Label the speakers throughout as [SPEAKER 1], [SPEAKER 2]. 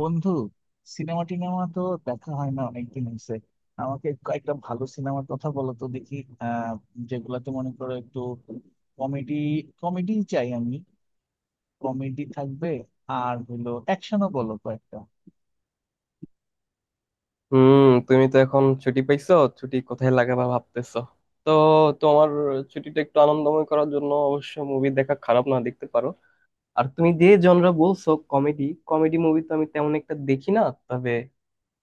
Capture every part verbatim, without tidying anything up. [SPEAKER 1] বন্ধু, সিনেমা টিনেমা তো দেখা হয় না, অনেকদিন হয়েছে। আমাকে কয়েকটা ভালো সিনেমার কথা বলো তো দেখি। আহ যেগুলাতে মনে করো একটু কমেডি, কমেডি চাই আমি, কমেডি থাকবে, আর হলো অ্যাকশনও বলো কয়েকটা।
[SPEAKER 2] হুম, তুমি তো এখন ছুটি পাইছো। ছুটি কোথায় লাগাবা ভাবতেছো? তো তোমার ছুটিটা একটু আনন্দময় করার জন্য অবশ্য মুভি দেখা খারাপ না, দেখতে পারো। আর তুমি যে জনরা বলছো, কমেডি। কমেডি মুভি তো আমি তেমন একটা দেখি না, তবে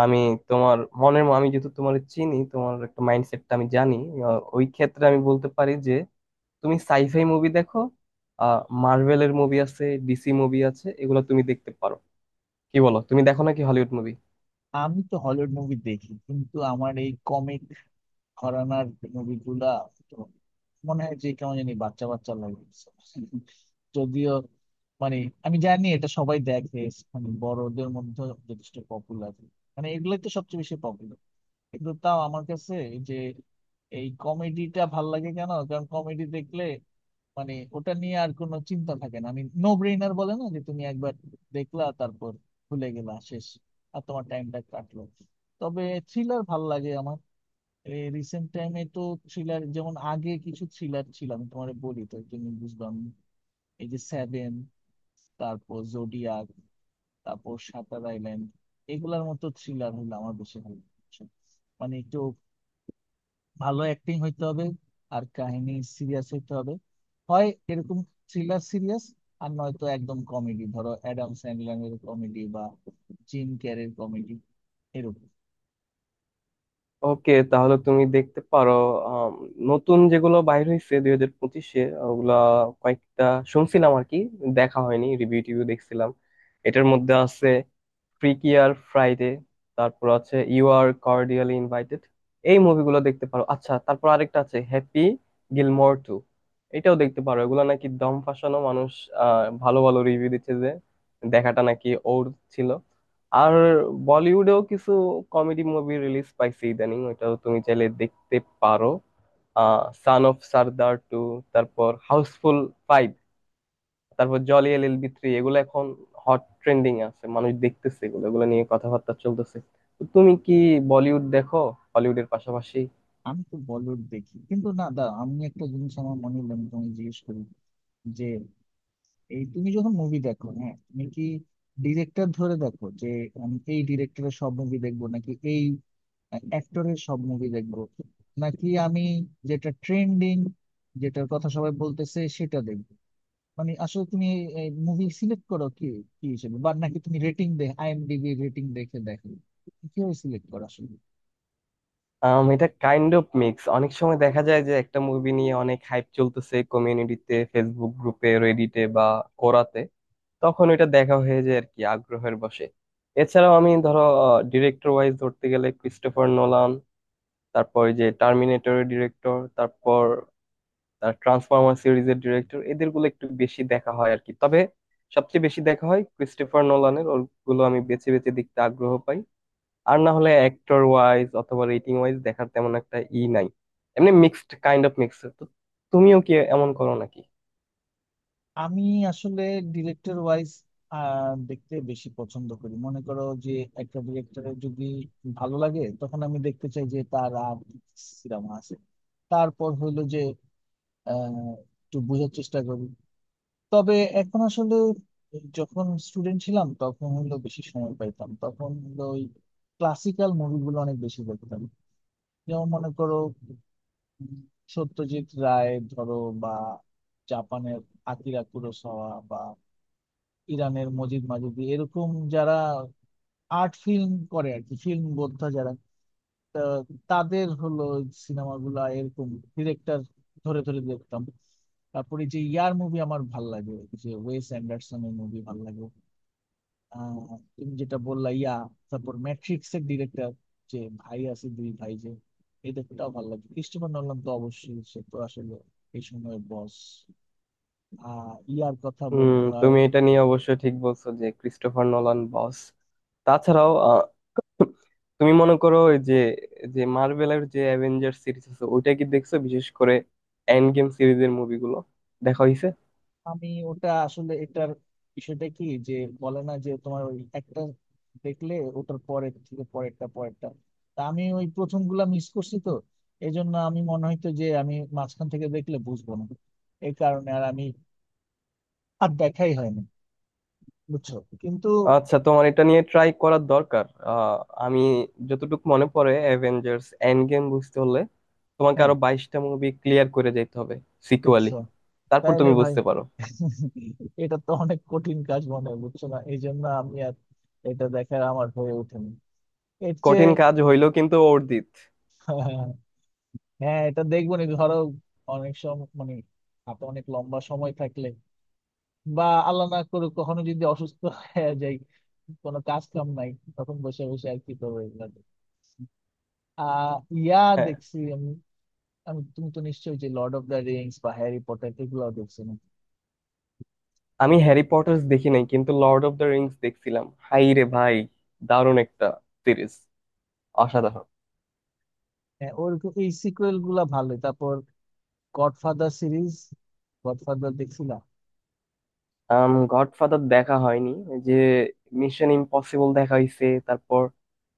[SPEAKER 2] আমি তোমার মনের আমি যেহেতু তোমার চিনি তোমার একটা মাইন্ডসেটটা আমি জানি, আহ, ওই ক্ষেত্রে আমি বলতে পারি যে তুমি সাইফাই মুভি দেখো। আহ মার্ভেলের মুভি আছে, ডিসি মুভি আছে, এগুলো তুমি দেখতে পারো। কি বলো, তুমি দেখো নাকি হলিউড মুভি?
[SPEAKER 1] আমি তো হলিউড মুভি দেখি, কিন্তু আমার এই ঘরানার মুভি গুলা তো মনে হয় যে কেমন জানি বাচ্চা বাচ্চা লাগে। যদিও মানে আমি জানি এটা সবাই দেখে, মানে বড়দের মধ্যে যথেষ্ট পপুলার, মানে এগুলোই তো সবচেয়ে বেশি পপুলার। কিন্তু তাও আমার কাছে এই যে এই কমেডিটা ভাল লাগে কেন? কারণ কমেডি দেখলে মানে ওটা নিয়ে আর কোনো চিন্তা থাকে না, আমি নো ব্রেইনার বলে না যে তুমি একবার দেখলা তারপর ভুলে গেলা, শেষ, আর তোমার টাইমটা কাটলো। তবে থ্রিলার ভাল লাগে আমার রিসেন্ট টাইমে তো। থ্রিলার যেমন আগে কিছু থ্রিলার ছিল, আমি তোমার বলি তো তুমি বুঝলাম, এই যে সেভেন, তারপর জোডিয়াক, তারপর শাটার আইল্যান্ড, এগুলার মতো থ্রিলার হইলে আমার বেশি ভালো লাগছে। মানে একটু ভালো অ্যাক্টিং হইতে হবে, আর কাহিনী সিরিয়াস হইতে হবে, হয় এরকম থ্রিলার সিরিয়াস, আর নয়তো একদম কমেডি, ধরো অ্যাডাম স্যান্ডলারের কমেডি বা জিম ক্যারির কমেডি, এরকম।
[SPEAKER 2] ওকে, তাহলে তুমি দেখতে পারো। আম, নতুন যেগুলো বাইর হয়েছে দুই হাজার পঁচিশে, ওগুলা কয়েকটা শুনছিলাম আর কি, দেখা হয়নি, রিভিউ টিভিউ দেখছিলাম। এটার মধ্যে আছে ফ্রিকি আর ফ্রাইডে, তারপর আছে ইউ আর কর্ডিয়ালি ইনভাইটেড। এই মুভিগুলো দেখতে পারো। আচ্ছা, তারপর আরেকটা আছে হ্যাপি গিলমোর টু, এটাও দেখতে পারো। এগুলো নাকি দম ফাসানো মানুষ আহ ভালো ভালো রিভিউ দিচ্ছে যে দেখাটা নাকি ওর ছিল। আর বলিউডেও কিছু কমেডি মুভি রিলিজ পাইছে ইদানিং, ওটাও তুমি চাইলে দেখতে পারো। আহ সান অফ সর্দার টু, তারপর হাউসফুল ফাইভ, তারপর Jolly L L B three, এগুলো এখন হট ট্রেন্ডিং আছে, মানুষ দেখতেছে, এগুলো এগুলো নিয়ে কথাবার্তা চলতেছে। তো তুমি কি বলিউড দেখো হলিউডের পাশাপাশি?
[SPEAKER 1] আমি তো বলিউড দেখি, কিন্তু না দা, আমি একটা জিনিস আমার মনে হলো, আমি তোমায় জিজ্ঞেস করি যে এই তুমি যখন মুভি দেখো, হ্যাঁ, তুমি কি ডিরেক্টর ধরে দেখো যে আমি এই ডিরেক্টরের সব মুভি দেখবো, নাকি এই অ্যাক্টরের সব মুভি দেখবো, নাকি আমি যেটা ট্রেন্ডিং, যেটার কথা সবাই বলতেছে সেটা দেখবো? মানে আসলে তুমি মুভি সিলেক্ট করো কি কি হিসেবে? বা নাকি তুমি রেটিং দেখ, আইএমডিবি রেটিং দেখে দেখো, কিভাবে সিলেক্ট করো আসলে?
[SPEAKER 2] আম, এটা কাইন্ড অফ মিক্স। অনেক সময় দেখা যায় যে একটা মুভি নিয়ে অনেক হাইপ চলতেছে কমিউনিটিতে, ফেসবুক গ্রুপে, রেডিটে বা কোরাতে, তখন এটা দেখা হয়ে যায় আর কি আগ্রহের বশে। এছাড়াও আমি, ধরো, ডিরেক্টর ওয়াইজ ধরতে গেলে ক্রিস্টোফার নোলান, তারপর ওই যে টার্মিনেটরের ডিরেক্টর, তারপর তার ট্রান্সফরমার সিরিজের ডিরেক্টর, এদেরগুলো একটু বেশি দেখা হয় আর কি। তবে সবচেয়ে বেশি দেখা হয় ক্রিস্টোফার নোলানের, ওগুলো আমি বেছে বেছে দেখতে আগ্রহ পাই। আর না হলে অ্যাক্টর ওয়াইজ অথবা রেটিং ওয়াইজ দেখার তেমন একটা ই নাই, এমনি মিক্সড, কাইন্ড অফ মিক্সড। তো তুমিও কি এমন করো নাকি?
[SPEAKER 1] আমি আসলে ডিরেক্টর ওয়াইজ দেখতে বেশি পছন্দ করি। মনে করো যে একটা ডিরেক্টরের যদি ভালো লাগে, তখন আমি দেখতে চাই যে তার আর কি সিনেমা আছে। তারপর হইলো যে আহ, একটু বোঝার চেষ্টা করি। তবে এখন আসলে, যখন স্টুডেন্ট ছিলাম তখন হইলো বেশি সময় পাইতাম, তখন হইলো ওই ক্লাসিক্যাল মুভিগুলো অনেক বেশি দেখতাম। যেমন মনে করো, উম, সত্যজিৎ রায় ধরো, বা জাপানের আকিরা কুরোসাওয়া, ইরানের মজিদ মাজিদি, এরকম যারা আর্ট ফিল্ম করে আর কি, ফিল্ম বোদ্ধা যারা, তা তাদের হলো সিনেমাগুলা, এরকম ডিরেক্টর ধরে ধরে দেখতাম। তারপরে যে ইয়ার মুভি আমার ভাল লাগে, যে ওয়েস অ্যান্ডারসনের মুভি ভাল লাগে, আহ, তুমি যেটা বললা, ইয়া, তারপর ম্যাট্রিক্স এর ডিরেক্টর, যে ভাই আছে দুই ভাই, যে এদেরটাও ভালো লাগে। ক্রিস্টোফার নোলান তো অবশ্যই, সে তো আসলে এই সময়ের বস। আহ ইয়ার কথা
[SPEAKER 2] হুম,
[SPEAKER 1] বলতে হয়।
[SPEAKER 2] তুমি এটা নিয়ে অবশ্য ঠিক বলছো যে ক্রিস্টোফার নোলান বস। তাছাড়াও আহ, তুমি মনে করো ওই যে যে মার্ভেলের যে অ্যাভেঞ্জার সিরিজ আছে ওইটা কি দেখছো? বিশেষ করে এন্ড গেম সিরিজের মুভিগুলো দেখা হয়েছে?
[SPEAKER 1] আমি ওটা আসলে এটার বিষয়টা কি যে, বলে না যে তোমার ওই একটা দেখলে ওটার পরের থেকে পরেরটা পরেরটা, তা আমি ওই প্রথম গুলা মিস করছি তো, এই জন্য আমি মনে হইতো যে আমি মাঝখান থেকে দেখলে বুঝবো না, এই কারণে আর আমি আর দেখাই হয়নি, বুঝছো? কিন্তু
[SPEAKER 2] আচ্ছা, তোমার এটা নিয়ে ট্রাই করার দরকার। আহ, আমি যতটুকু মনে পড়ে, অ্যাভেঞ্জার্স এন্ড গেম বুঝতে হলে তোমাকে
[SPEAKER 1] হ্যাঁ,
[SPEAKER 2] আরো বাইশটা মুভি ক্লিয়ার করে যেতে হবে সিকুয়ালি,
[SPEAKER 1] দেখছো?
[SPEAKER 2] তারপর
[SPEAKER 1] তাহলে
[SPEAKER 2] তুমি
[SPEAKER 1] ভাই
[SPEAKER 2] বুঝতে পারো।
[SPEAKER 1] এটা তো অনেক কঠিন কাজ মনে হয়, বুঝছো না, এই জন্য আমি আর এটা দেখার আমার হয়ে ওঠেনি। এর
[SPEAKER 2] কঠিন কাজ হইলো কিন্তু অর্জিত।
[SPEAKER 1] চেয়ে হ্যাঁ, এটা দেখবো নি, ধরো অনেক সময় মানে হাতে অনেক লম্বা সময় থাকলে, বা আল্লাহ না করুক কখনো যদি অসুস্থ হয়ে যাই, কোনো কাজ কাম নাই, তখন বসে বসে আর কি করবো, এগুলা দেখছি। আহ ইয়া,
[SPEAKER 2] হ্যাঁ,
[SPEAKER 1] দেখছি আমি। আমি তুমি তো নিশ্চয়ই, যে লর্ড অফ দ্য রিংস বা হ্যারি পটার এগুলো দেখছি না।
[SPEAKER 2] আমি হ্যারি পটার্স দেখি নাই কিন্তু লর্ড অফ দ্য রিংস দেখছিলাম। হাই রে ভাই, দারুণ একটা সিরিজ, অসাধারণ।
[SPEAKER 1] হ্যাঁ, ওরকম এই সিকুয়েল গুলা ভালোই। তারপর গডফাদার সিরিজ, গডফাদার দেখছিলাম।
[SPEAKER 2] আম, গডফাদার দেখা হয়নি। এই যে মিশন ইম্পসিবল দেখা হইছে, তারপর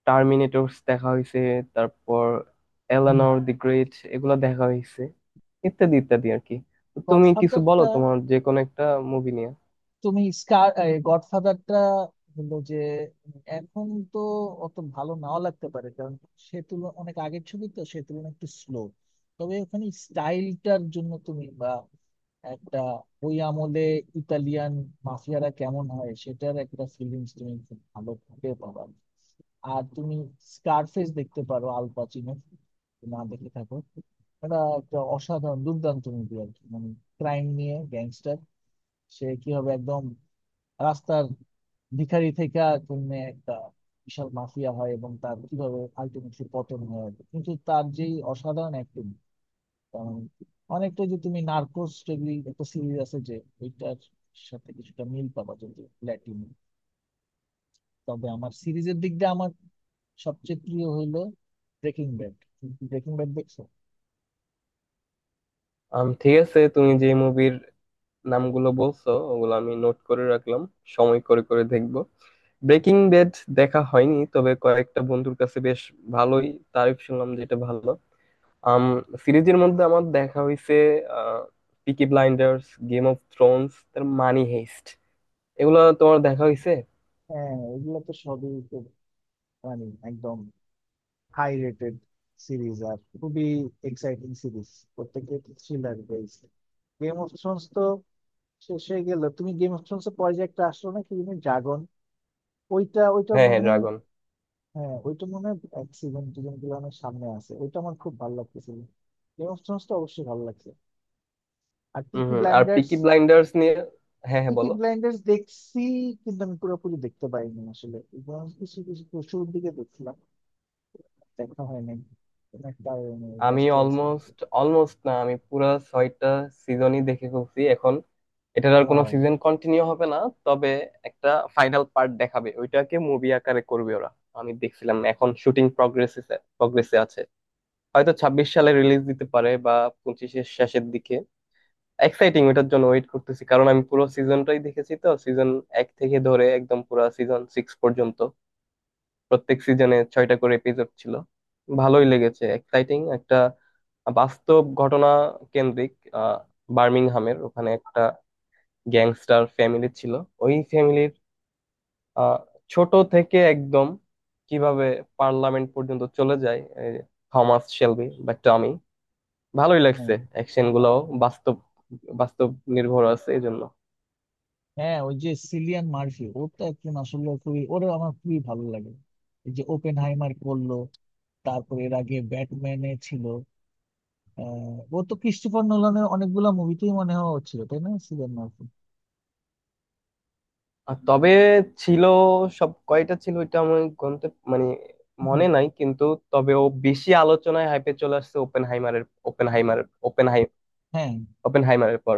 [SPEAKER 2] টার্মিনেটরস দেখা হইছে, তারপর এলানোর দি গ্রেট এগুলা দেখা হইছে ইত্যাদি ইত্যাদি আর কি। তো তুমি কিছু বলো
[SPEAKER 1] গডফাদারটা,
[SPEAKER 2] তোমার যে কোনো একটা মুভি নিয়ে।
[SPEAKER 1] তুমি স্কার, গডফাদারটা হলো যে এখন তো অত ভালো নাও লাগতে পারে, কারণ সে তুলনা অনেক আগের ছবি তো, সে তুলনায় একটু স্লো। তবে ওখানে স্টাইলটার জন্য তুমি বা একটা ওই আমলে ইতালিয়ান মাফিয়ারা কেমন হয়, সেটার একটা ফিলিংস তুমি খুব ভালো ভাবে পাবা। আর তুমি স্কারফেস দেখতে পারো, আল পাচিনো, না দেখে থাকো, এটা একটা অসাধারণ দুর্দান্ত মুভি আর কি। মানে ক্রাইম নিয়ে গ্যাংস্টার, সে কি হবে একদম রাস্তার ভিখারি থেকে তুমি একটা বিশাল মাফিয়া হয়, এবং তার কিভাবে আলটিমেটলি পতন হয়, কিন্তু তার যেই অসাধারণ অ্যাক্টিং। অনেকটা যে তুমি নার্কোস, যেগুলি একটা সিরিজ আছে যে, ওইটার সাথে কিছুটা মিল পাবা, যদি ল্যাটিন। তবে আমার সিরিজের দিক দিয়ে আমার সবচেয়ে প্রিয় হইলো ব্রেকিং ব্যাড। ব্রেকিং ব্যাড দেখছো?
[SPEAKER 2] আম, ঠিক আছে, তুমি যে মুভির নামগুলো বলছো ওগুলো আমি নোট করে রাখলাম, সময় করে করে দেখবো। ব্রেকিং ব্যাড দেখা হয়নি, তবে কয়েকটা বন্ধুর কাছে বেশ ভালোই তারিফ শুনলাম, যেটা ভালো। আম, সিরিজের মধ্যে আমার দেখা হইছে Peaky Blinders, Game of Thrones, তার মানি হেইস্ট, এগুলো তোমার দেখা হইছে?
[SPEAKER 1] হ্যাঁ, এগুলো তো সবই তো মানে একদম হাই রেটেড সিরিজ, আর খুবই এক্সাইটিং সিরিজ, প্রত্যেকটা thriller based. Game of Thrones তো শেষ হয়ে গেল। তুমি গেম অফ থ্রোনস এর পরে যে একটা আসলো না, কি তুমি, ড্রাগন ওইটা ওইটা
[SPEAKER 2] হ্যাঁ হ্যাঁ,
[SPEAKER 1] মনে হয়।
[SPEAKER 2] ড্রাগন।
[SPEAKER 1] হ্যাঁ, ওইটা মনে হয় এক সিজন দুজন গুলো অনেক সামনে আছে, ওইটা আমার খুব ভালো লাগতেছিল। গেম অফ থ্রোনস তো অবশ্যই ভালো লাগছে। আর
[SPEAKER 2] হুম
[SPEAKER 1] পিকি
[SPEAKER 2] হুম, আর
[SPEAKER 1] ব্লাইন্ডার্স,
[SPEAKER 2] পিকি ব্লাইন্ডার্স নিয়ে, হ্যাঁ হ্যাঁ,
[SPEAKER 1] পিকি
[SPEAKER 2] বলো।
[SPEAKER 1] ব্লাইন্ডার্স দেখছি কিন্তু আমি পুরোপুরি দেখতে পাইনি আসলে, এবং কিছু কিছু শুরুর দিকে দেখছিলাম, দেখা হয় নাই, কোনো একটা কারণে
[SPEAKER 2] আমি
[SPEAKER 1] ব্যস্ত হয়ে গেছিলাম।
[SPEAKER 2] অলমোস্ট অলমোস্ট না আমি পুরা ছয়টা সিজনই দেখে ফেলছি এখন। এটার আর কোনো
[SPEAKER 1] Wow.
[SPEAKER 2] সিজন কন্টিনিউ হবে না, তবে একটা ফাইনাল পার্ট দেখাবে, ওইটাকে মুভি আকারে করবে ওরা। আমি দেখছিলাম এখন শুটিং প্রগ্রেসে প্রগ্রেসে আছে। হয়তো ছাব্বিশ সালে রিলিজ দিতে পারে বা পঁচিশের শেষের দিকে। এক্সাইটিং, ওটার জন্য ওয়েট করতেছি, কারণ আমি পুরো সিজনটাই দেখেছি, তো সিজন এক থেকে ধরে একদম পুরো সিজন সিক্স পর্যন্ত। প্রত্যেক সিজনে ছয়টা করে এপিসোড ছিল। ভালোই লেগেছে, এক্সাইটিং, একটা বাস্তব ঘটনা কেন্দ্রিক। আহ, বার্মিংহামের ওখানে একটা গ্যাংস্টার ফ্যামিলি ছিল, ওই ফ্যামিলির আহ ছোট থেকে একদম কিভাবে পার্লামেন্ট পর্যন্ত চলে যায়, এই থমাস শেলবি বা টমি। ভালোই লাগছে,
[SPEAKER 1] হ্যাঁ,
[SPEAKER 2] অ্যাকশন গুলাও বাস্তব, বাস্তব নির্ভর আছে এই জন্য।
[SPEAKER 1] হ্যাঁ, ওই যে সিলিয়ান মার্ফি, ও তো একজন আসলে খুবই, ওরে আমার খুবই ভালো লাগে। এই যে ওপেন হাইমার করলো, তারপর এর আগে ব্যাটম্যানে ছিল, আহ, ও তো ক্রিস্টোফার নোলানের অনেকগুলা মুভিতেই মনে হয় ও ছিল, তাই না, সিলিয়ান মার্ফি?
[SPEAKER 2] আর তবে ছিল, সব কয়টা ছিল, এটা আমি গন্তে, মানে
[SPEAKER 1] হুম,
[SPEAKER 2] মনে নাই কিন্তু। তবে ও বেশি আলোচনায় হাইপে চলে আসছে ওপেন হাইমারের, ওপেন হাইমারের ওপেন হাই
[SPEAKER 1] হ্যাঁ।
[SPEAKER 2] ওপেন হাইমারের পর।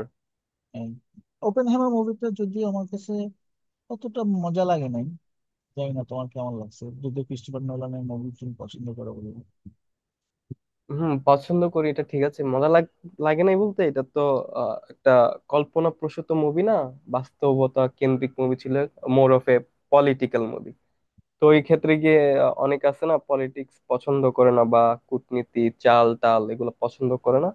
[SPEAKER 1] ওপেন হ্যামার মুভিটা যদিও আমার কাছে অতটা মজা লাগে নাই। জানি না তোমার কেমন লাগছে, যদিও ক্রিস্টোফার নোলানের মুভি তুমি পছন্দ করো বলে।
[SPEAKER 2] হুম পছন্দ করি, এটা ঠিক আছে। মজা লাগ লাগে নাই বলতে, এটা তো আহ, একটা কল্পনা প্রসূত মুভি না, বাস্তবতা কেন্দ্রিক মুভি ছিল, more of a political movie. তো এই ক্ষেত্রে গিয়ে আহ, অনেক আছে না, পলিটিক্স পছন্দ করে না বা কূটনীতি চাল টাল এগুলো পছন্দ করে না,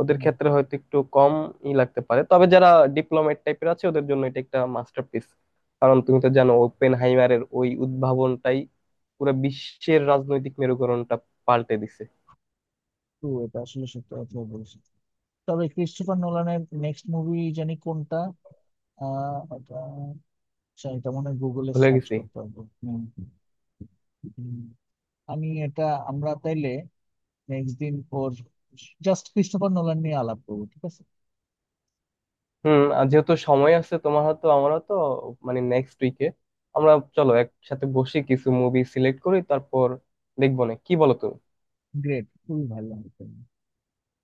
[SPEAKER 2] ওদের
[SPEAKER 1] হুম,
[SPEAKER 2] ক্ষেত্রে হয়তো একটু কম ই লাগতে পারে। তবে যারা ডিপ্লোমেট টাইপের আছে, ওদের জন্য এটা একটা মাস্টারপিস, কারণ তুমি তো জানো ওপেনহাইমারের ওই উদ্ভাবনটাই পুরো বিশ্বের রাজনৈতিক মেরুকরণটা পাল্টে দিছে।
[SPEAKER 1] তো এটা আসলে সত্যি কথা বলছি। তবে ক্রিস্টোফার নোলানের নেক্সট মুভি জানি কোনটা? আহ আচ্ছা, এটা মনে হয় গুগলে
[SPEAKER 2] ভুলে
[SPEAKER 1] সার্চ
[SPEAKER 2] গেছি।
[SPEAKER 1] করতে হবে। হুম। হুম। আমি এটা, আমরা তাইলে নেক্সট দিন ওর জাস্ট ক্রিস্টোফার নোলান নিয়ে আলাপ করবো, ঠিক আছে?
[SPEAKER 2] হুম, আর যেহেতু সময় আছে তোমার, হয়তো আমারও তো, মানে নেক্সট উইকে আমরা, চলো একসাথে বসে কিছু মুভি সিলেক্ট করি, তারপর দেখবো। না কি বলো তুমি?
[SPEAKER 1] গ্রেট, খুবই ভালো।